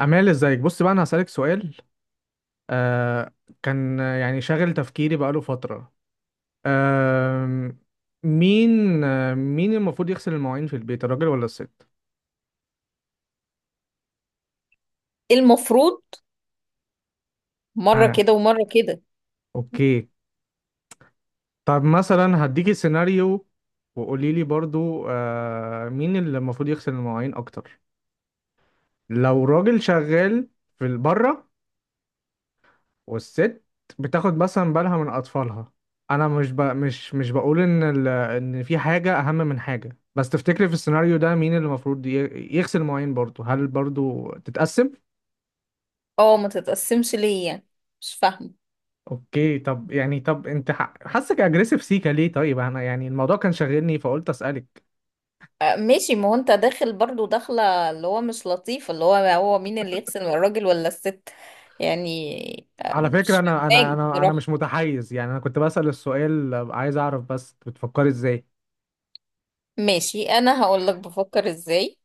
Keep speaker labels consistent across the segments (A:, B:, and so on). A: أمال ازيك؟ بص بقى، أنا هسألك سؤال. آه. كان يعني شاغل تفكيري بقاله فترة. آه. مين المفروض يغسل المواعين في البيت، الراجل ولا الست؟
B: المفروض، مرة
A: آه.
B: كده ومرة كده.
A: أوكي. طب مثلا هديكي سيناريو، وقولي لي برضو، مين اللي المفروض يغسل المواعين أكتر؟ لو راجل شغال في بره، والست بتاخد مثلا بالها من اطفالها. انا مش ب... مش مش بقول ان في حاجه اهم من حاجه، بس تفتكري في السيناريو ده مين اللي المفروض يغسل المواعين؟ برضه، هل برضه تتقسم؟
B: اه، ما تتقسمش ليه يعني؟ مش فاهمة.
A: اوكي. طب انت حاسك اجريسيف سيكا ليه؟ طيب انا يعني الموضوع كان شاغلني فقلت اسالك.
B: آه، ماشي. ما هو انت داخل برضو داخلة، اللي هو مش لطيف، اللي هو مين اللي يغسل، الراجل ولا الست؟ يعني
A: على فكره
B: مش
A: انا
B: فاهماك
A: مش
B: بصراحة.
A: متحيز، يعني انا كنت بسال السؤال، عايز اعرف بس بتفكري ازاي.
B: ماشي، انا هقولك بفكر ازاي،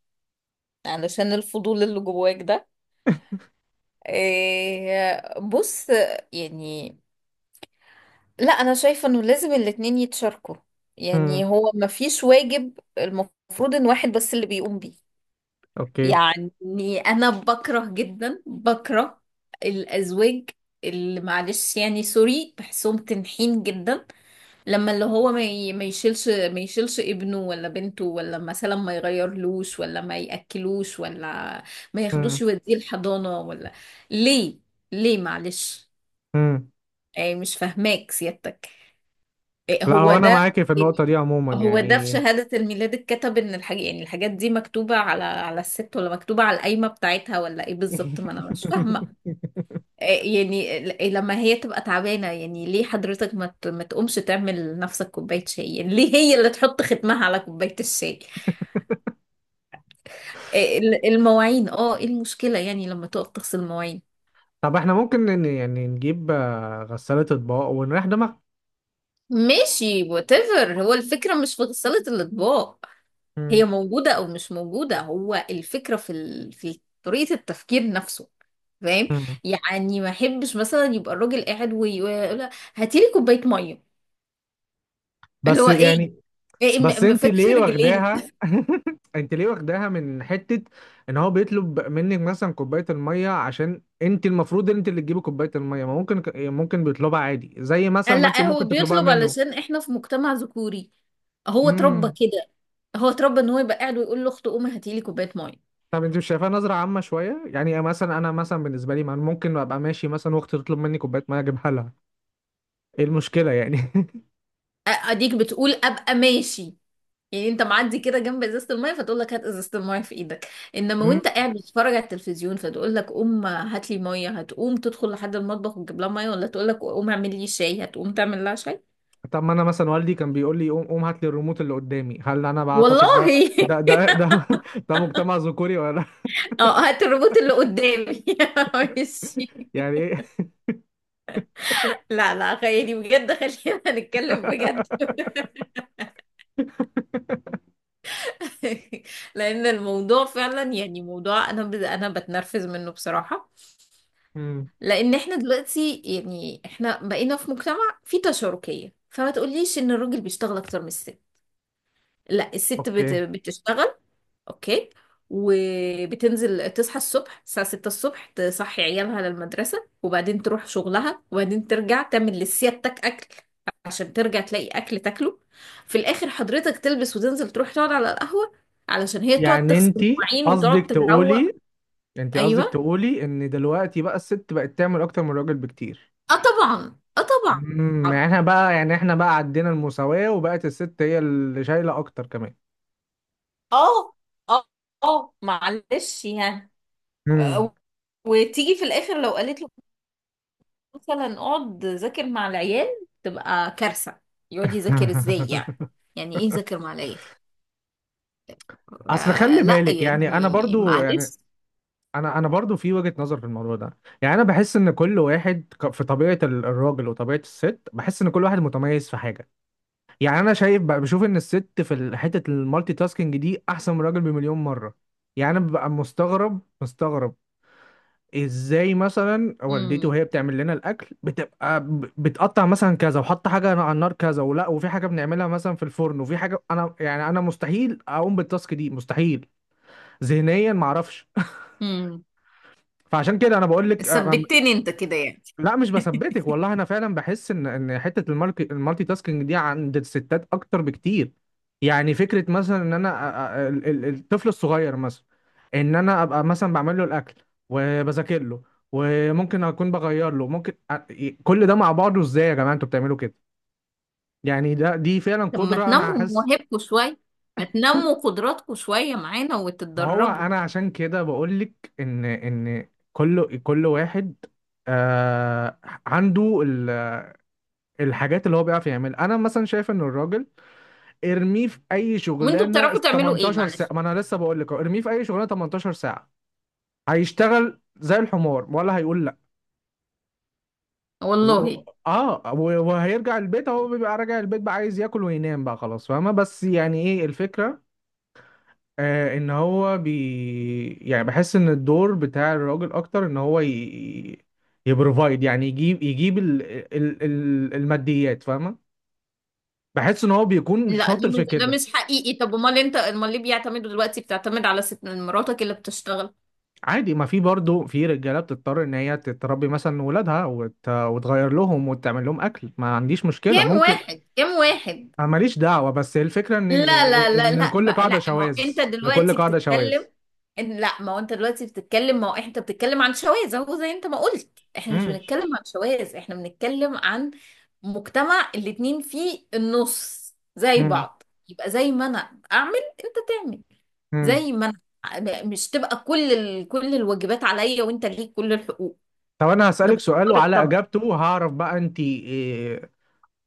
B: علشان الفضول اللي جواك ده. إيه، بص، يعني لا، انا شايفه انه لازم الاتنين يتشاركوا. يعني
A: امم.
B: هو مفيش واجب المفروض ان واحد بس اللي بيقوم بيه.
A: اوكي.
B: يعني انا بكره جدا، بكره الازواج اللي، معلش يعني سوري، بحسهم تنحين جدا، لما اللي هو ما يشيلش ابنه ولا بنته، ولا مثلا ما يغيرلوش ولا ما ياكلوش ولا ما
A: امم.
B: ياخدوش يوديه الحضانة ولا. ليه؟ ليه معلش.
A: امم.
B: يعني مش فاهماك سيادتك. إيه
A: لا
B: هو
A: هو انا
B: ده؟
A: معاكي في النقطه
B: يعني
A: دي عموما
B: هو ده في
A: يعني.
B: شهادة الميلاد اتكتب ان الحاجة، يعني الحاجات دي مكتوبة على الست، ولا مكتوبة على القايمة بتاعتها، ولا ايه بالظبط؟ ما انا مش فاهمة. إيه يعني لما هي تبقى تعبانة، يعني ليه حضرتك ما تقومش تعمل نفسك كوباية شاي؟ يعني ليه هي اللي تحط ختمها على كوباية الشاي؟ إيه المواعين، اه ايه المشكلة يعني لما تقف تغسل مواعين؟
A: طب احنا ممكن يعني نجيب غسالة اطباق ونريح دماغ.
B: ماشي whatever، هو الفكرة مش في غسالة الأطباق، هي
A: مم.
B: موجودة أو مش موجودة، هو الفكرة في طريقة التفكير نفسه، فاهم؟
A: مم.
B: يعني ما أحبش مثلا يبقى الراجل قاعد ويقول هاتي لي كوباية مية، اللي
A: بس
B: هو إيه
A: يعني.
B: إيه،
A: بس
B: ما
A: انت
B: فاتش
A: ليه
B: رجلين؟
A: واخداها؟ انت ليه واخداها من حتة ان هو بيطلب منك مثلا كوباية المية؟ عشان انت المفروض انت اللي تجيبي كوباية المية؟ ما ممكن، ممكن بيطلبها عادي، زي مثلا
B: قال
A: ما انت
B: لا، هو
A: ممكن تطلبها
B: بيطلب
A: منه.
B: علشان إحنا في مجتمع ذكوري، هو اتربى
A: امم.
B: كده. هو اتربى إن هو يبقى قاعد ويقول لأخته قومي هاتي لي كوباية مية.
A: طب انت مش شايفاها نظرة عامة شوية؟ يعني مثلا انا، مثلا بالنسبة لي، ما أنا ممكن ابقى ماشي مثلا واختي تطلب مني كوباية مية اجيبها لها. ايه المشكلة يعني؟
B: أديك بتقول أبقى ماشي، يعني انت معدي كده جنب ازازه الميه فتقول لك هات ازازه الميه في ايدك. انما
A: مم.
B: وانت قاعد بتتفرج على التلفزيون فتقول لك قوم هات لي ميه، هتقوم تدخل لحد المطبخ وتجيب لها ميه؟ ولا تقول لك قوم اعمل لي شاي، هتقوم تعمل لها شاي؟
A: طب ما انا مثلا والدي كان بيقول لي قوم قوم هات لي الريموت اللي قدامي. هل انا بعتقد ده
B: والله.
A: ده ده ده, ده مجتمع ذكوري ولا لأ؟
B: اه، هات الروبوت اللي قدامي. ماشي.
A: يعني ايه؟
B: لا لا، خليني بجد، خلينا نتكلم بجد. لان الموضوع فعلا يعني موضوع، انا انا بتنرفز منه بصراحه.
A: مم.
B: لان احنا دلوقتي، يعني احنا بقينا في مجتمع فيه تشاركية، فما تقوليش ان الراجل بيشتغل اكتر من الست. لا، الست
A: اوكي.
B: بتشتغل. اوكي. وبتنزل تصحى الصبح الساعة 6 الصبح، تصحي عيالها للمدرسة، وبعدين تروح شغلها، وبعدين ترجع تعمل لسيادتك أكل عشان ترجع تلاقي أكل تاكله. في الآخر حضرتك تلبس وتنزل تروح تقعد على القهوة، علشان هي تقعد
A: يعني
B: تغسل
A: انت
B: المواعين وتقعد
A: قصدك
B: تروق.
A: تقولي،
B: أيوه.
A: ان دلوقتي بقى الست بقت تعمل اكتر من الراجل بكتير؟
B: اه طبعا، اه طبعا.
A: امم. يعني احنا بقى، عدينا المساواة وبقت الست هي اللي شايلة اكتر كمان؟
B: اه اه اه، معلش يعني.
A: مم.
B: آه، وتيجي في الاخر لو قالت له مثلا اقعد ذاكر مع العيال، تبقى كارثة. يقعد يذاكر ازاي يعني؟ يعني ايه ذاكر مع العيال؟
A: اصل
B: آه
A: خلي
B: لا
A: بالك يعني، انا
B: يعني
A: برضو يعني،
B: معلش.
A: انا برضو في وجهة نظر في الموضوع ده. يعني انا بحس ان كل واحد، في طبيعة الراجل وطبيعة الست، بحس ان كل واحد متميز في حاجة. يعني انا شايف بقى، بشوف ان الست في حتة المالتي تاسكينج دي احسن من الراجل بمليون مرة. يعني انا ببقى مستغرب مستغرب، ازاي مثلا والدتي
B: امم
A: وهي بتعمل لنا الاكل بتبقى بتقطع مثلا كذا، وحط حاجة على النار كذا ولا، وفي حاجة بنعملها مثلا في الفرن، وفي حاجة. انا يعني انا مستحيل اقوم بالتاسك دي، مستحيل. ذهنيا معرفش.
B: امم
A: فعشان كده انا بقول لك.
B: ثبتني انت كده يعني؟
A: لا مش بثبتك والله، انا فعلا بحس ان حته المارك المالتي تاسكينج دي عند الستات اكتر بكتير. يعني فكره مثلا ان انا، الطفل الصغير مثلا، ان انا ابقى مثلا بعمل له الاكل، وبذاكر له، وممكن اكون بغير له، ممكن. كل ده مع بعضه ازاي؟ يا جماعه، انتوا بتعملوا كده؟ يعني دي فعلا
B: طب ما
A: قدره انا
B: تنموا
A: حاسس.
B: مواهبكم شوية، ما تنموا قدراتكم شوية معانا
A: ما هو
B: وتتدربوا.
A: انا عشان كده بقول لك ان كل واحد آه عنده الحاجات اللي هو بيعرف يعملها. انا مثلا شايف ان الراجل، ارميه في اي
B: وانتوا
A: شغلانه
B: بتعرفوا تعملوا ايه؟
A: 18
B: معلش.
A: ساعه. ما انا لسه بقول لك ارميه في اي شغلانه 18 ساعه، هيشتغل زي الحمار ولا هيقول لا؟ و...
B: والله.
A: اه و- وهيرجع البيت. هو بيبقى راجع البيت بقى عايز ياكل وينام بقى، خلاص فاهمه؟ بس يعني ايه الفكره؟ ان هو يعني بحس ان الدور بتاع الراجل اكتر، ان هو يبروفايد، يعني يجيب، الماديات، فاهمه؟ بحس ان هو بيكون
B: لا، ده
A: شاطر في
B: مش ده
A: كده.
B: مش حقيقي. طب امال انت، امال ليه بيعتمدوا دلوقتي بتعتمد على ست مراتك اللي بتشتغل؟
A: عادي، ما في برضه في رجاله بتضطر ان هي تتربي مثلا ولادها، وتغير لهم، وتعمل لهم اكل، ما عنديش مشكله
B: كام
A: ممكن.
B: واحد؟ كام واحد؟
A: انا ماليش دعوه. بس الفكره ان
B: لا لا لا
A: إن
B: لا،
A: لكل قاعده
B: ما هو
A: شواذ.
B: انت
A: لكل
B: دلوقتي
A: قاعده شواذ.
B: بتتكلم. ان لا ما هو انت دلوقتي بتتكلم، ما هو انت بتتكلم عن شواذ. اهو زي انت ما قلت، احنا مش
A: امم.
B: بنتكلم عن شواذ، احنا بنتكلم عن مجتمع الاتنين فيه النص، زي
A: امم.
B: بعض. يبقى زي ما انا اعمل، انت تعمل.
A: امم.
B: زي ما انا، مش تبقى كل الواجبات عليا وانت ليك كل الحقوق.
A: طب انا
B: ده
A: هسالك سؤال،
B: بيفكرك
A: وعلى
B: طب؟
A: اجابته هعرف بقى انت إيه،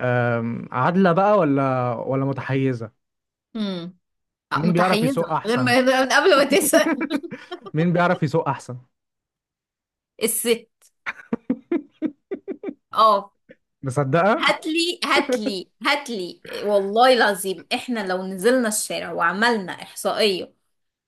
A: عادله بقى ولا متحيزه.
B: امم
A: مين بيعرف
B: متحيزة
A: يسوق احسن؟
B: من قبل ما تسأل.
A: مين بيعرف يسوق احسن؟
B: الست. اه.
A: مصدقه.
B: هاتلي هاتلي هاتلي، والله العظيم احنا لو نزلنا الشارع وعملنا إحصائية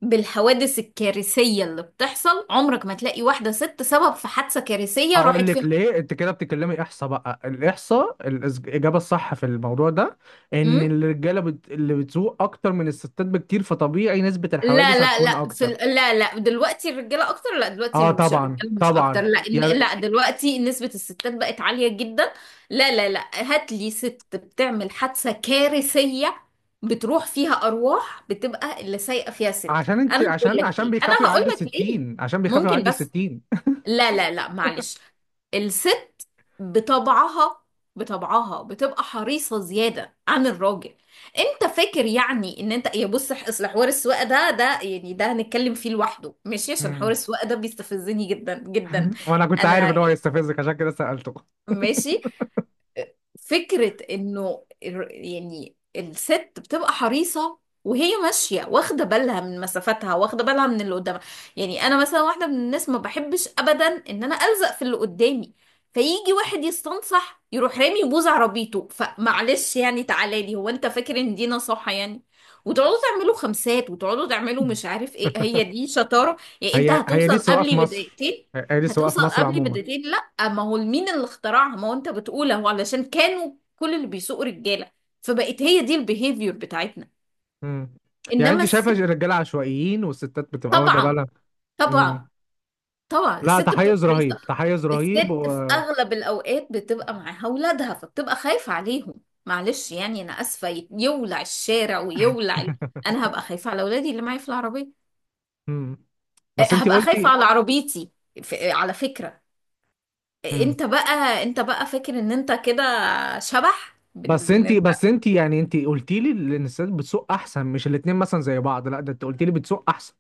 B: بالحوادث الكارثية اللي بتحصل، عمرك ما تلاقي واحدة ست سبب في حادثة كارثية
A: هقول
B: راحت فيها.
A: لك ليه انت كده بتتكلمي احصاء. بقى الاحصاء، الاجابه الصح في الموضوع ده، ان
B: مم؟
A: الرجاله اللي بتسوق اكتر من الستات بكتير، فطبيعي نسبه
B: لا
A: الحوادث
B: لا
A: هتكون
B: لا،
A: اكتر.
B: لا لا، دلوقتي الرجاله اكتر. لا،
A: اه
B: دلوقتي مش
A: طبعا
B: الرجاله مش اكتر.
A: طبعا.
B: لا،
A: يعني
B: لا، دلوقتي نسبه الستات بقت عاليه جدا. لا لا لا، هات لي ست بتعمل حادثه كارثيه، بتروح فيها ارواح، بتبقى اللي سايقه فيها ست. انا هقول لك
A: عشان
B: ليه، انا
A: بيخافوا
B: هقول
A: يعدوا
B: لك ليه،
A: 60، عشان بيخافوا
B: ممكن
A: يعدوا
B: بس.
A: 60.
B: لا لا لا، معلش. الست بطبعها، بطبعها بتبقى حريصة زيادة عن الراجل. انت فاكر يعني ان انت، يا بص اصل حوار السواقة ده يعني ده هنتكلم فيه لوحده ماشي، عشان حوار
A: مم.
B: السواقة ده بيستفزني جدا جدا.
A: وانا كنت عارف ان
B: انا،
A: هو هيستفزك عشان كده سالته.
B: ماشي. فكرة انه يعني الست بتبقى حريصة وهي ماشية، واخدة بالها من مسافتها، واخدة بالها من اللي قدامها. يعني انا مثلا واحدة من الناس ما بحبش ابدا ان انا الزق في اللي قدامي، فيجي واحد يستنصح يروح رامي بوز عربيته. فمعلش يعني تعالى لي، هو انت فاكر ان دي نصيحة يعني؟ وتقعدوا تعملوا خمسات، وتقعدوا تعملوا مش عارف ايه، هي دي شطارة يعني؟ انت
A: هي دي
B: هتوصل
A: السواقه في
B: قبلي
A: مصر،
B: بدقيقتين،
A: هي دي السواقه في
B: هتوصل
A: مصر
B: قبلي
A: عموما.
B: بدقيقتين. اما هو مين اللي اخترعها؟ ما هو انت بتقول اهو، علشان كانوا كل اللي بيسوقوا رجاله، فبقت هي دي البيهيفير بتاعتنا.
A: مم. يعني
B: انما
A: انت شايفه
B: الست.
A: الرجاله عشوائيين والستات بتبقى واخده
B: طبعا،
A: بالها؟ مم.
B: طبعا. طبعا
A: لا
B: الست بتبقى
A: تحيز رهيب،
B: حريصه.
A: تحيز رهيب،
B: الست في اغلب الاوقات بتبقى معاها اولادها، فبتبقى خايفه عليهم. معلش يعني، انا اسفه، يولع الشارع ويولع ال-. انا هبقى خايفه على اولادي اللي معايا في العربيه.
A: مم.
B: أه،
A: بس انت
B: هبقى خايفه
A: قلتي.
B: على عربيتي. على فكره،
A: مم.
B: انت بقى فاكر ان انت كده شبح. ان انت،
A: بس انت يعني، انت قلتي لي ان الستات بتسوق احسن، مش الاتنين مثلا زي بعض، لا ده انت قلتي لي بتسوق احسن.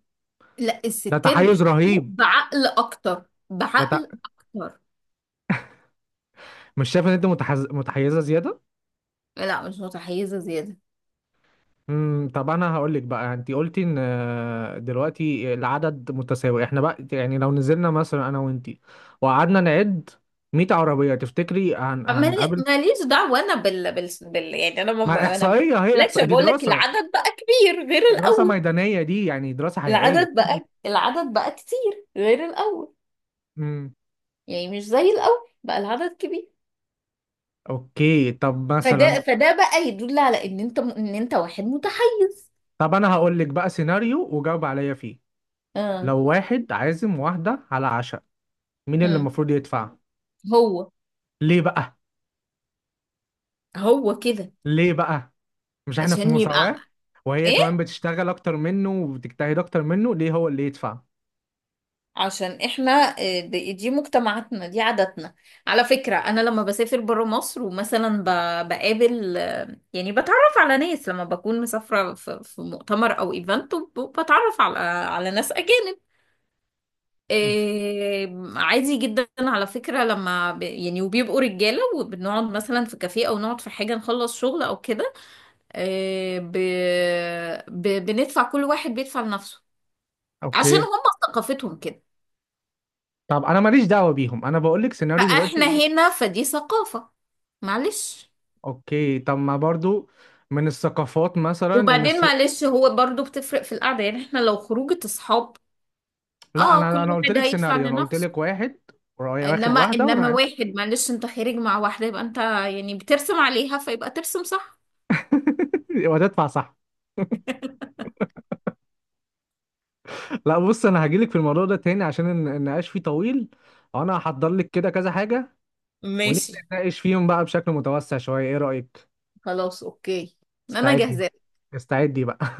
B: لا
A: ده
B: الستات
A: تحيز
B: بتسوق
A: رهيب.
B: بعقل اكتر،
A: ده ت...
B: بعقل اكتر.
A: مش شايفه ان انت متحيزه زياده؟
B: لا مش متحيزه زياده.
A: امم. طب انا هقول لك بقى، انت قلتي ان دلوقتي العدد متساوي. احنا بقى يعني لو نزلنا مثلا انا وانت، وقعدنا نعد 100 عربيه، تفتكري هنقابل؟
B: ماليش دعوه. انا يعني
A: ما
B: انا ما
A: احصائيه، هي
B: بقولكش،
A: احصائيه دي
B: بقول لك
A: دراسه،
B: العدد بقى كبير غير
A: دراسة
B: الاول.
A: ميدانية دي يعني، دراسة حقيقية.
B: العدد بقى كتير غير الاول.
A: امم.
B: يعني مش زي الاول، بقى العدد كبير.
A: اوكي. طب
B: فده
A: مثلا.
B: فده بقى يدل على ان انت، ان انت واحد متحيز.
A: طب انا هقول لك بقى سيناريو وجاوب عليا فيه.
B: اه.
A: لو واحد عازم واحدة على عشاء، مين اللي
B: امم
A: المفروض يدفع؟
B: هو
A: ليه بقى؟
B: هو كده.
A: ليه بقى؟ مش احنا في
B: عشان يبقى
A: مساواة؟ وهي كمان
B: ايه؟
A: بتشتغل اكتر منه وبتجتهد اكتر منه، ليه هو اللي يدفع؟
B: عشان احنا دي مجتمعاتنا، دي عاداتنا. على فكرة، انا لما بسافر برا مصر ومثلا بقابل، يعني بتعرف على ناس لما بكون مسافرة في مؤتمر او ايفنت، بتعرف على ناس اجانب.
A: مم.
B: عادي جدا على فكرة، لما يعني وبيبقوا رجالة، وبنقعد مثلا في كافيه او نقعد في حاجة نخلص شغل او كده. بندفع، كل واحد بيدفع لنفسه، عشان
A: اوكي.
B: هم ثقافتهم كده.
A: طب انا ماليش دعوة بيهم، انا بقول لك سيناريو
B: فاحنا
A: دلوقتي.
B: هنا فدي ثقافة، معلش.
A: اوكي. طب ما برضو من الثقافات مثلا ان
B: وبعدين
A: الست.
B: معلش، هو برضو بتفرق في القعدة، يعني احنا لو خروجة اصحاب،
A: لا
B: اه كل
A: انا، قلت
B: واحد
A: لك
B: هيدفع
A: سيناريو، انا قلت
B: لنفسه.
A: لك واحد واخد
B: انما
A: واحده
B: انما
A: ورايح.
B: واحد معلش، انت خارج مع واحدة يبقى انت يعني بترسم عليها، فيبقى ترسم صح.
A: وهتدفع صح. لا بص، انا هجيلك في الموضوع ده تاني عشان النقاش فيه طويل، وانا هحضر لك كده كذا حاجه ونبدا
B: ماشي،
A: نتناقش فيهم بقى بشكل متوسع شويه. ايه رايك؟
B: خلاص، اوكي. انا
A: استعدي.
B: جاهزة.
A: استعدي بقى.